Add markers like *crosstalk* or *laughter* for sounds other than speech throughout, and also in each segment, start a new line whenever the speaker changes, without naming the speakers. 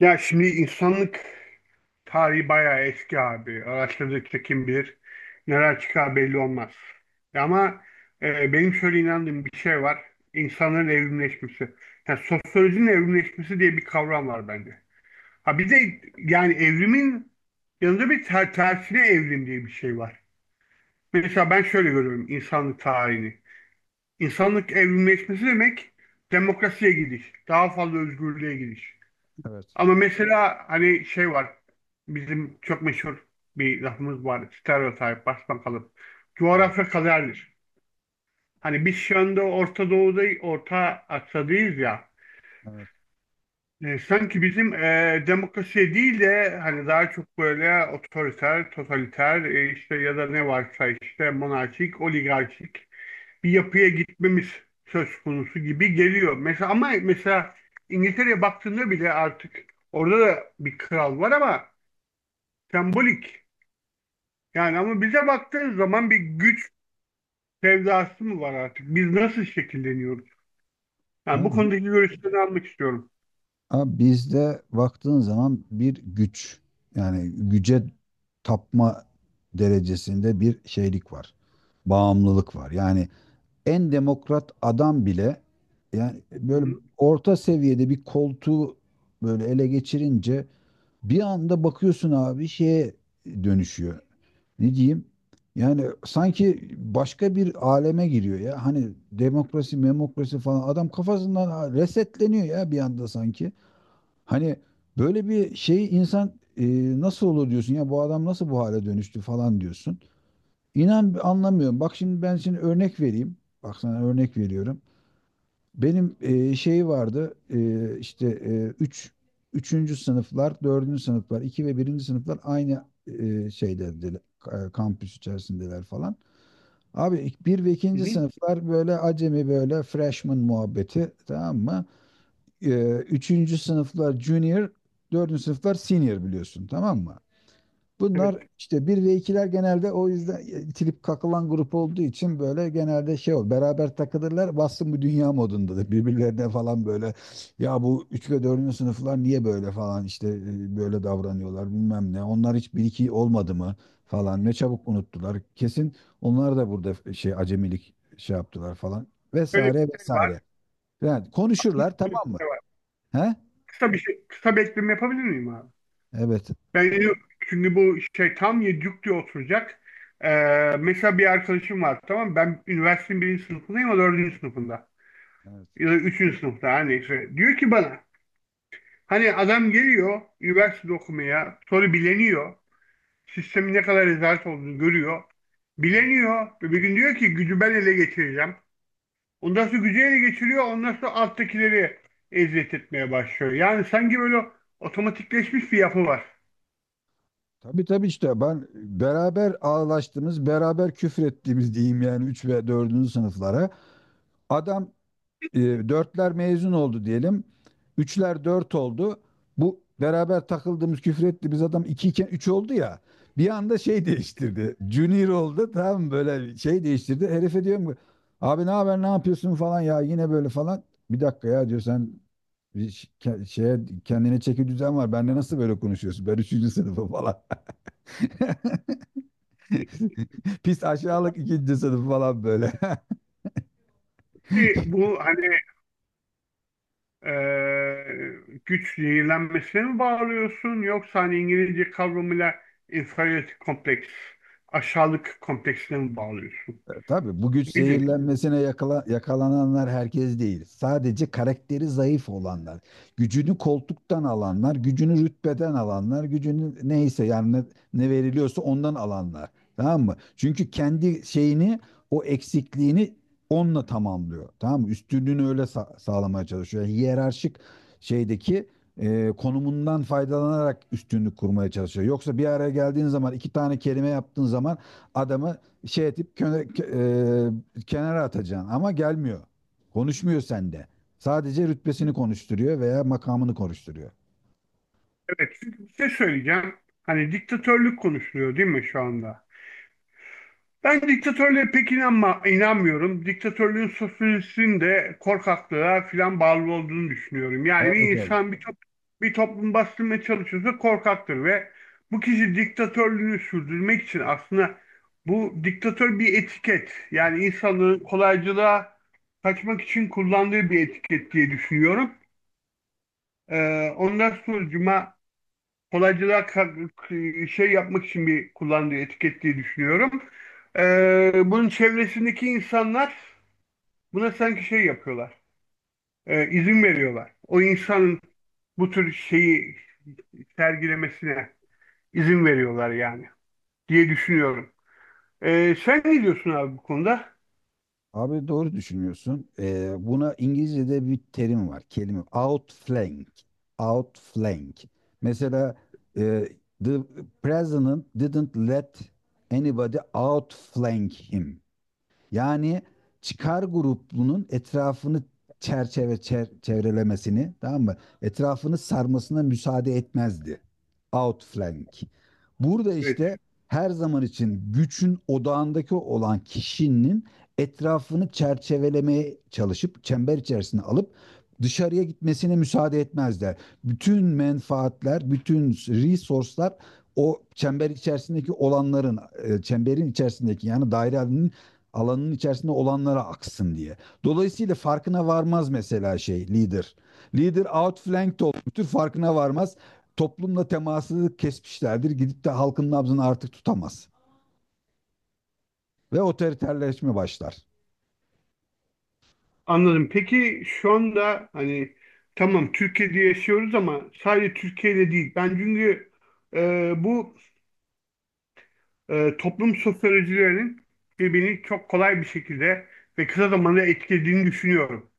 Ya şimdi insanlık tarihi bayağı eski abi. Araştırdıkça kim bilir neler çıkar belli olmaz. Ama benim şöyle inandığım bir şey var. İnsanların evrimleşmesi. Yani sosyolojinin evrimleşmesi diye bir kavram var bende. Ha bir de yani evrimin yanında bir tersine evrim diye bir şey var. Mesela ben şöyle görüyorum insanlık tarihini. İnsanlık evrimleşmesi demek demokrasiye gidiş, daha fazla özgürlüğe gidiş.
Evet,
Ama mesela hani şey var. Bizim çok meşhur bir lafımız var. Stereotip, basmakalıp.
evet,
Coğrafya kaderdir. Hani biz şu anda Orta Doğu'da, Orta Asya'dayız ya.
evet.
Sanki bizim demokrasi değil de hani daha çok böyle otoriter, totaliter işte ya da ne varsa işte monarşik, oligarşik bir yapıya gitmemiz söz konusu gibi geliyor. Mesela ama mesela İngiltere'ye baktığında bile artık orada da bir kral var ama sembolik. Yani ama bize baktığın zaman bir güç sevdası mı var artık? Biz nasıl şekilleniyoruz? Yani bu
Abi,
konudaki görüşlerini almak istiyorum.
abi, bizde baktığın zaman bir güç yani güce tapma derecesinde bir şeylik var. Bağımlılık var. Yani en demokrat adam bile yani
Hı
böyle
hı.
orta seviyede bir koltuğu böyle ele geçirince bir anda bakıyorsun abi şeye dönüşüyor. Ne diyeyim? Yani sanki başka bir aleme giriyor ya. Hani demokrasi, memokrasi falan adam kafasından resetleniyor ya bir anda sanki. Hani böyle bir şey insan nasıl olur diyorsun ya bu adam nasıl bu hale dönüştü falan diyorsun. İnan anlamıyorum. Bak şimdi ben şimdi örnek vereyim. Bak sana örnek veriyorum. Benim şey vardı işte üçüncü sınıflar, dördüncü sınıflar, iki ve birinci sınıflar aynı şeydedir, kampüs içerisindeler falan. Abi bir ve
Hı
ikinci
hı.
sınıflar böyle acemi böyle freshman muhabbeti, tamam mı? Üçüncü sınıflar junior, dördüncü sınıflar senior biliyorsun, tamam mı? Bunlar
Evet.
işte bir ve ikiler genelde o yüzden itilip kakılan grup olduğu için böyle genelde şey ol beraber takılırlar bassın bu dünya modunda da birbirlerine falan böyle. Ya bu 3 ve 4. sınıflar niye böyle falan işte böyle davranıyorlar bilmem ne, onlar hiç bir 2 olmadı mı falan, ne çabuk unuttular, kesin onlar da burada şey acemilik şey yaptılar falan
Öyle bir
vesaire
şey var.
vesaire yani konuşurlar,
Öyle bir
tamam mı?
şey var.
He?
Kısa bir şey, kısa bir ekleme yapabilir miyim abi?
Evet.
Ben yine- Çünkü bu şey tam yedi diye oturacak. Mesela bir arkadaşım var, tamam mı? Ben üniversitenin birinci sınıfındayım, o dördüncü sınıfında.
Evet.
Ya da üçüncü sınıfta hani. Diyor ki bana, hani adam geliyor üniversite okumaya, sonra bileniyor, sistemin ne kadar rezalet olduğunu görüyor.
Evet.
Bileniyor ve bir gün diyor ki gücü ben ele geçireceğim. Ondan sonra gücü ele geçiriyor. Ondan sonra alttakileri eziyet etmeye başlıyor. Yani sanki böyle otomatikleşmiş bir yapı var.
Tabii tabii, işte ben beraber ağlaştığımız, beraber küfür ettiğimiz diyeyim yani 3 ve dördüncü sınıflara. Adam e, dörtler mezun oldu diyelim. Üçler dört oldu. Bu beraber takıldığımız, küfür ettiğimiz adam 2 iken 3 oldu ya. Bir anda şey değiştirdi. Junior oldu, tam böyle şey değiştirdi. Herife diyorum ki, abi ne haber, ne yapıyorsun falan ya yine böyle falan. Bir dakika ya, diyor, sen şeye, kendine çeki düzen var. Benle nasıl böyle konuşuyorsun? Ben üçüncü sınıfım falan. *laughs* *laughs* Pis aşağılık ikinci sınıf falan böyle.
Ki
*laughs*
bu hani güç zehirlenmesine mi bağlıyorsun, yoksa hani İngilizce kavramıyla inferiority kompleks, aşağılık kompleksine mi bağlıyorsun?
Tabii, bu güç
Nedir?
zehirlenmesine yakalananlar herkes değil. Sadece karakteri zayıf olanlar, gücünü koltuktan alanlar, gücünü rütbeden alanlar, gücünü neyse yani ne veriliyorsa ondan alanlar. Tamam mı? Çünkü kendi şeyini, o eksikliğini onunla tamamlıyor. Tamam mı? Üstünlüğünü öyle sağlamaya çalışıyor. Yani hiyerarşik şeydeki konumundan faydalanarak üstünlük kurmaya çalışıyor. Yoksa bir araya geldiğin zaman iki tane kelime yaptığın zaman adamı şey edip kenara atacaksın ama gelmiyor. Konuşmuyor sende. Sadece rütbesini konuşturuyor veya makamını konuşturuyor.
Evet, size söyleyeceğim. Hani diktatörlük konuşuluyor değil mi şu anda? Ben diktatörlüğe inanmıyorum. Diktatörlüğün sosyolojisinin de korkaklığa filan bağlı olduğunu düşünüyorum. Yani bir
Tabii tabii.
insan bir toplum bastırmaya çalışıyorsa korkaktır ve bu kişi diktatörlüğünü sürdürmek için aslında bu diktatör bir etiket. Yani insanların kolaycılığa kaçmak için kullandığı bir etiket diye düşünüyorum. Ondan sonucuma kolaycılığa ka- şey yapmak için bir kullandığı etiket diye düşünüyorum. Bunun çevresindeki insanlar buna sanki şey yapıyorlar, izin veriyorlar. O insanın bu tür şeyi sergilemesine izin veriyorlar yani, diye düşünüyorum. Sen ne diyorsun abi bu konuda?
Abi doğru düşünüyorsun. Buna İngilizce'de bir terim var. Kelime outflank. Outflank. Mesela e, the president didn't let anybody outflank him. Yani çıkar grubunun etrafını çevrelemesini, tamam mı? Etrafını sarmasına müsaade etmezdi. Outflank. Burada
Evet,
işte her zaman için gücün odağındaki olan kişinin etrafını çerçevelemeye çalışıp çember içerisine alıp dışarıya gitmesine müsaade etmezler. Bütün menfaatler, bütün resource'lar o çember içerisindeki olanların, çemberin içerisindeki yani dairenin alanın içerisinde olanlara aksın diye. Dolayısıyla farkına varmaz mesela şey lider. Lider outflanked olmuştur, farkına varmaz. Toplumla teması kesmişlerdir. Gidip de halkın nabzını artık tutamaz. Ve otoriterleşme başlar.
anladım. Peki şu anda hani tamam Türkiye'de yaşıyoruz ama sadece Türkiye'de değil. Ben çünkü bu toplum sosyolojilerinin birbirini çok kolay bir şekilde ve kısa zamanda etkilediğini düşünüyorum.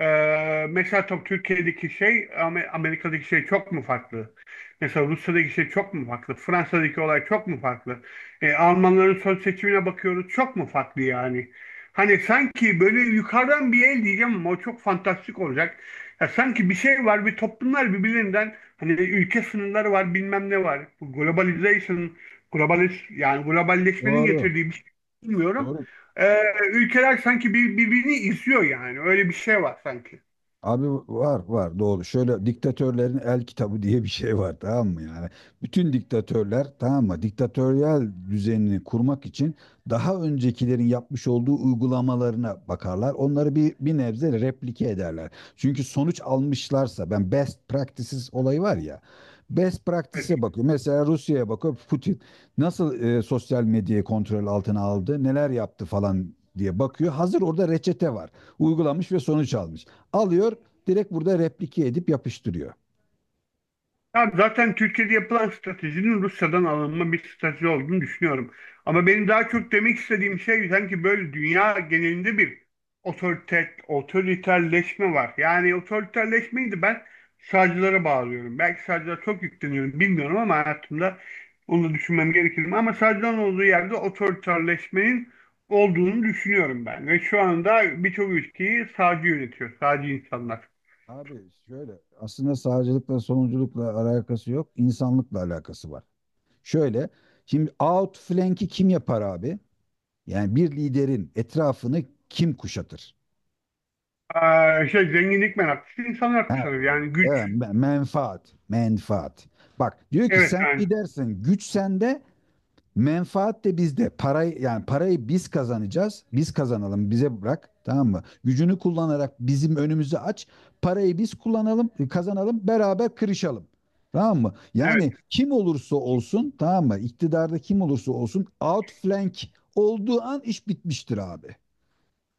Mesela tabii Türkiye'deki şey Amerika'daki şey çok mu farklı? Mesela Rusya'daki şey çok mu farklı? Fransa'daki olay çok mu farklı? Almanların son seçimine bakıyoruz, çok mu farklı yani? Hani sanki böyle yukarıdan bir el diyeceğim ama o çok fantastik olacak. Ya sanki bir şey var ve toplumlar birbirinden hani ülke sınırları var bilmem ne var. Bu globalization, globalist yani globalleşmenin
Doğru.
getirdiği bir şey bilmiyorum,
Doğru.
e, ülkeler sanki birbirini izliyor yani. Öyle bir şey var sanki.
Abi var var doğru. Şöyle diktatörlerin el kitabı *laughs* diye bir şey var, tamam mı yani? Bütün diktatörler, tamam mı? Diktatöryal düzenini kurmak için daha öncekilerin yapmış olduğu uygulamalarına bakarlar. Onları bir nebze replike ederler. Çünkü sonuç almışlarsa ben best practices olayı var ya. Best
Evet.
practice'e bakıyor. Mesela Rusya'ya bakıyor. Putin nasıl sosyal medyayı kontrol altına aldı, neler yaptı falan diye bakıyor. Hazır orada reçete var. Uygulamış ve sonuç almış alıyor, direkt burada replike edip yapıştırıyor.
Ya zaten Türkiye'de yapılan stratejinin Rusya'dan alınma bir strateji olduğunu düşünüyorum. Ama benim daha çok demek istediğim şey sanki böyle dünya genelinde bir otoriterleşme var. Yani otoriterleşmeyi de ben sağcılara bağlıyorum. Belki sağcılara çok yükleniyorum bilmiyorum ama hayatımda onu düşünmem gerekir mi? Ama sağcıların olduğu yerde otoriterleşmenin olduğunu düşünüyorum ben. Ve şu anda birçok ülkeyi sağcı yönetiyor, sağcı insanlar.
Abi şöyle, aslında sağcılıkla solunculukla alakası yok. İnsanlıkla alakası var. Şöyle, şimdi outflank'i kim yapar abi? Yani bir liderin etrafını kim kuşatır?
Şey, zenginlik meraklısı insanlar
Ha,
kuşanıyor. Yani
evet,
güç.
menfaat, menfaat. Bak diyor ki,
Evet
sen
yani.
lidersin, güç sende, menfaat de bizde. Parayı, yani parayı biz kazanacağız. Biz kazanalım. Bize bırak. Tamam mı? Gücünü kullanarak bizim önümüzü aç. Parayı biz kullanalım, kazanalım, beraber kırışalım. Tamam mı?
Evet.
Yani kim olursa
Şimdi
olsun, tamam mı? İktidarda kim olursa olsun, outflank olduğu an iş bitmiştir abi,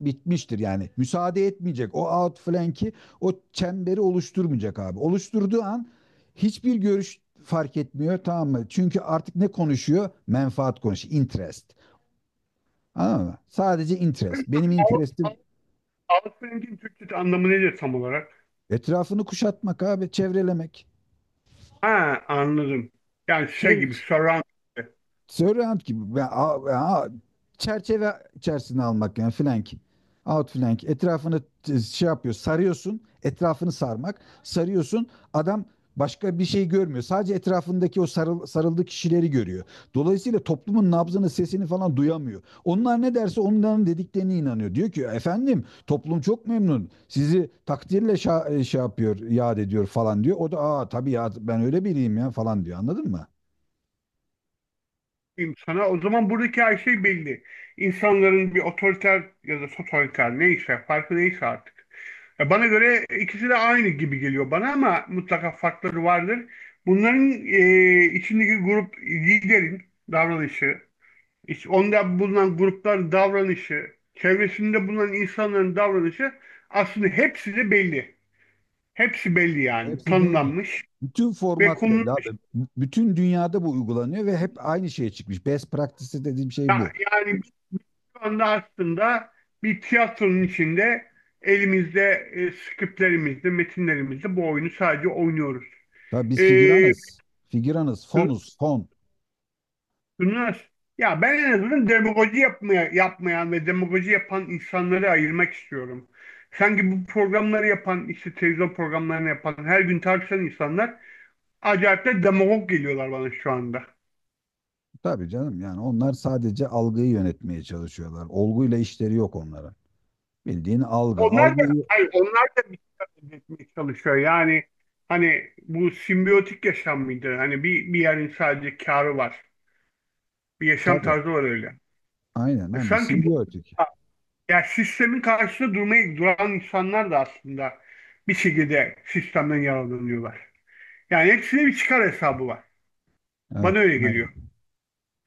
bitmiştir yani. Müsaade etmeyecek. O outflank'i, o çemberi oluşturmayacak abi. Oluşturduğu an hiçbir görüş fark etmiyor, tamam mı? Çünkü artık ne konuşuyor? Menfaat konuşuyor. Interest. Anladın mı? Sadece
bu
interest.
mesela
Benim
Al-
interestim
Al- Alt rengin Türkçe anlamı nedir tam olarak?
etrafını kuşatmak abi, çevrelemek.
Ha, anladım. Yani şey
Çev-
gibi surround
Sörrant gibi. Çerçeve içerisine almak yani, flank. Outflank. Etrafını şey yapıyor. Sarıyorsun. Etrafını sarmak. Sarıyorsun. Adam başka bir şey görmüyor. Sadece etrafındaki o sarıldığı kişileri görüyor. Dolayısıyla toplumun nabzını, sesini falan duyamıyor. Onlar ne derse onların dediklerine inanıyor. Diyor ki, efendim toplum çok memnun. Sizi takdirle şey yapıyor, yad ediyor falan diyor. O da, aa tabii ya, ben öyle biriyim ya falan diyor. Anladın mı?
diyeyim sana. O zaman buradaki her şey belli. İnsanların bir otoriter ya da totaliter neyse farkı neyse artık. Ya bana göre ikisi de aynı gibi geliyor bana ama mutlaka farkları vardır. Bunların içindeki grup liderin davranışı, İşte onda bulunan grupların davranışı, çevresinde bulunan insanların davranışı aslında hepsi de belli. Hepsi belli yani,
Hepsi belli.
tanımlanmış
Bütün
ve
format belli abi.
konulmuş.
Bütün dünyada bu uygulanıyor ve hep aynı şeye çıkmış. Best practice dediğim şey bu.
Yani biz şu anda aslında bir tiyatronun içinde elimizde skriplerimizde, metinlerimizde bu oyunu sadece oynuyoruz.
Tabii,
E,
biz figüranız. Figüranız, fonuz, fon.
bunlar, ya ben en azından demagoji yapmayan ve demagoji yapan insanları ayırmak istiyorum. Sanki bu programları yapan, işte televizyon programlarını yapan, her gün tartışan insanlar acayip de demagog geliyorlar bana şu anda.
Tabii canım, yani onlar sadece algıyı yönetmeye çalışıyorlar. Olguyla işleri yok onlara. Bildiğin algı.
Onlar da,
Algıyı
hayır, onlar da bir şey etmeye çalışıyor. Yani hani bu simbiyotik yaşam mıydı? Hani bir yerin sadece karı var. Bir yaşam
tabii.
tarzı var öyle.
Aynen
E
aynen,
sanki bu
simbiyotik.
Ya sistemin karşısında duran insanlar da aslında bir şekilde sistemden yararlanıyorlar. Yani hepsine bir çıkar hesabı var.
Evet.
Bana öyle
Evet.
geliyor.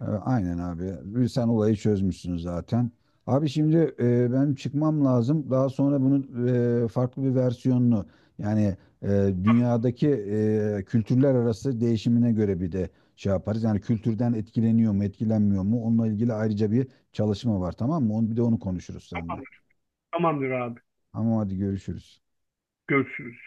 Aynen abi. Sen olayı çözmüşsün zaten. Abi şimdi benim çıkmam lazım. Daha sonra bunun farklı bir versiyonunu, yani e, dünyadaki kültürler arası değişimine göre bir de şey yaparız. Yani kültürden etkileniyor mu, etkilenmiyor mu? Onunla ilgili ayrıca bir çalışma var, tamam mı? Onu, bir de onu konuşuruz seninle.
Tamamdır, tamamdır abi.
Ama hadi görüşürüz.
Görüşürüz.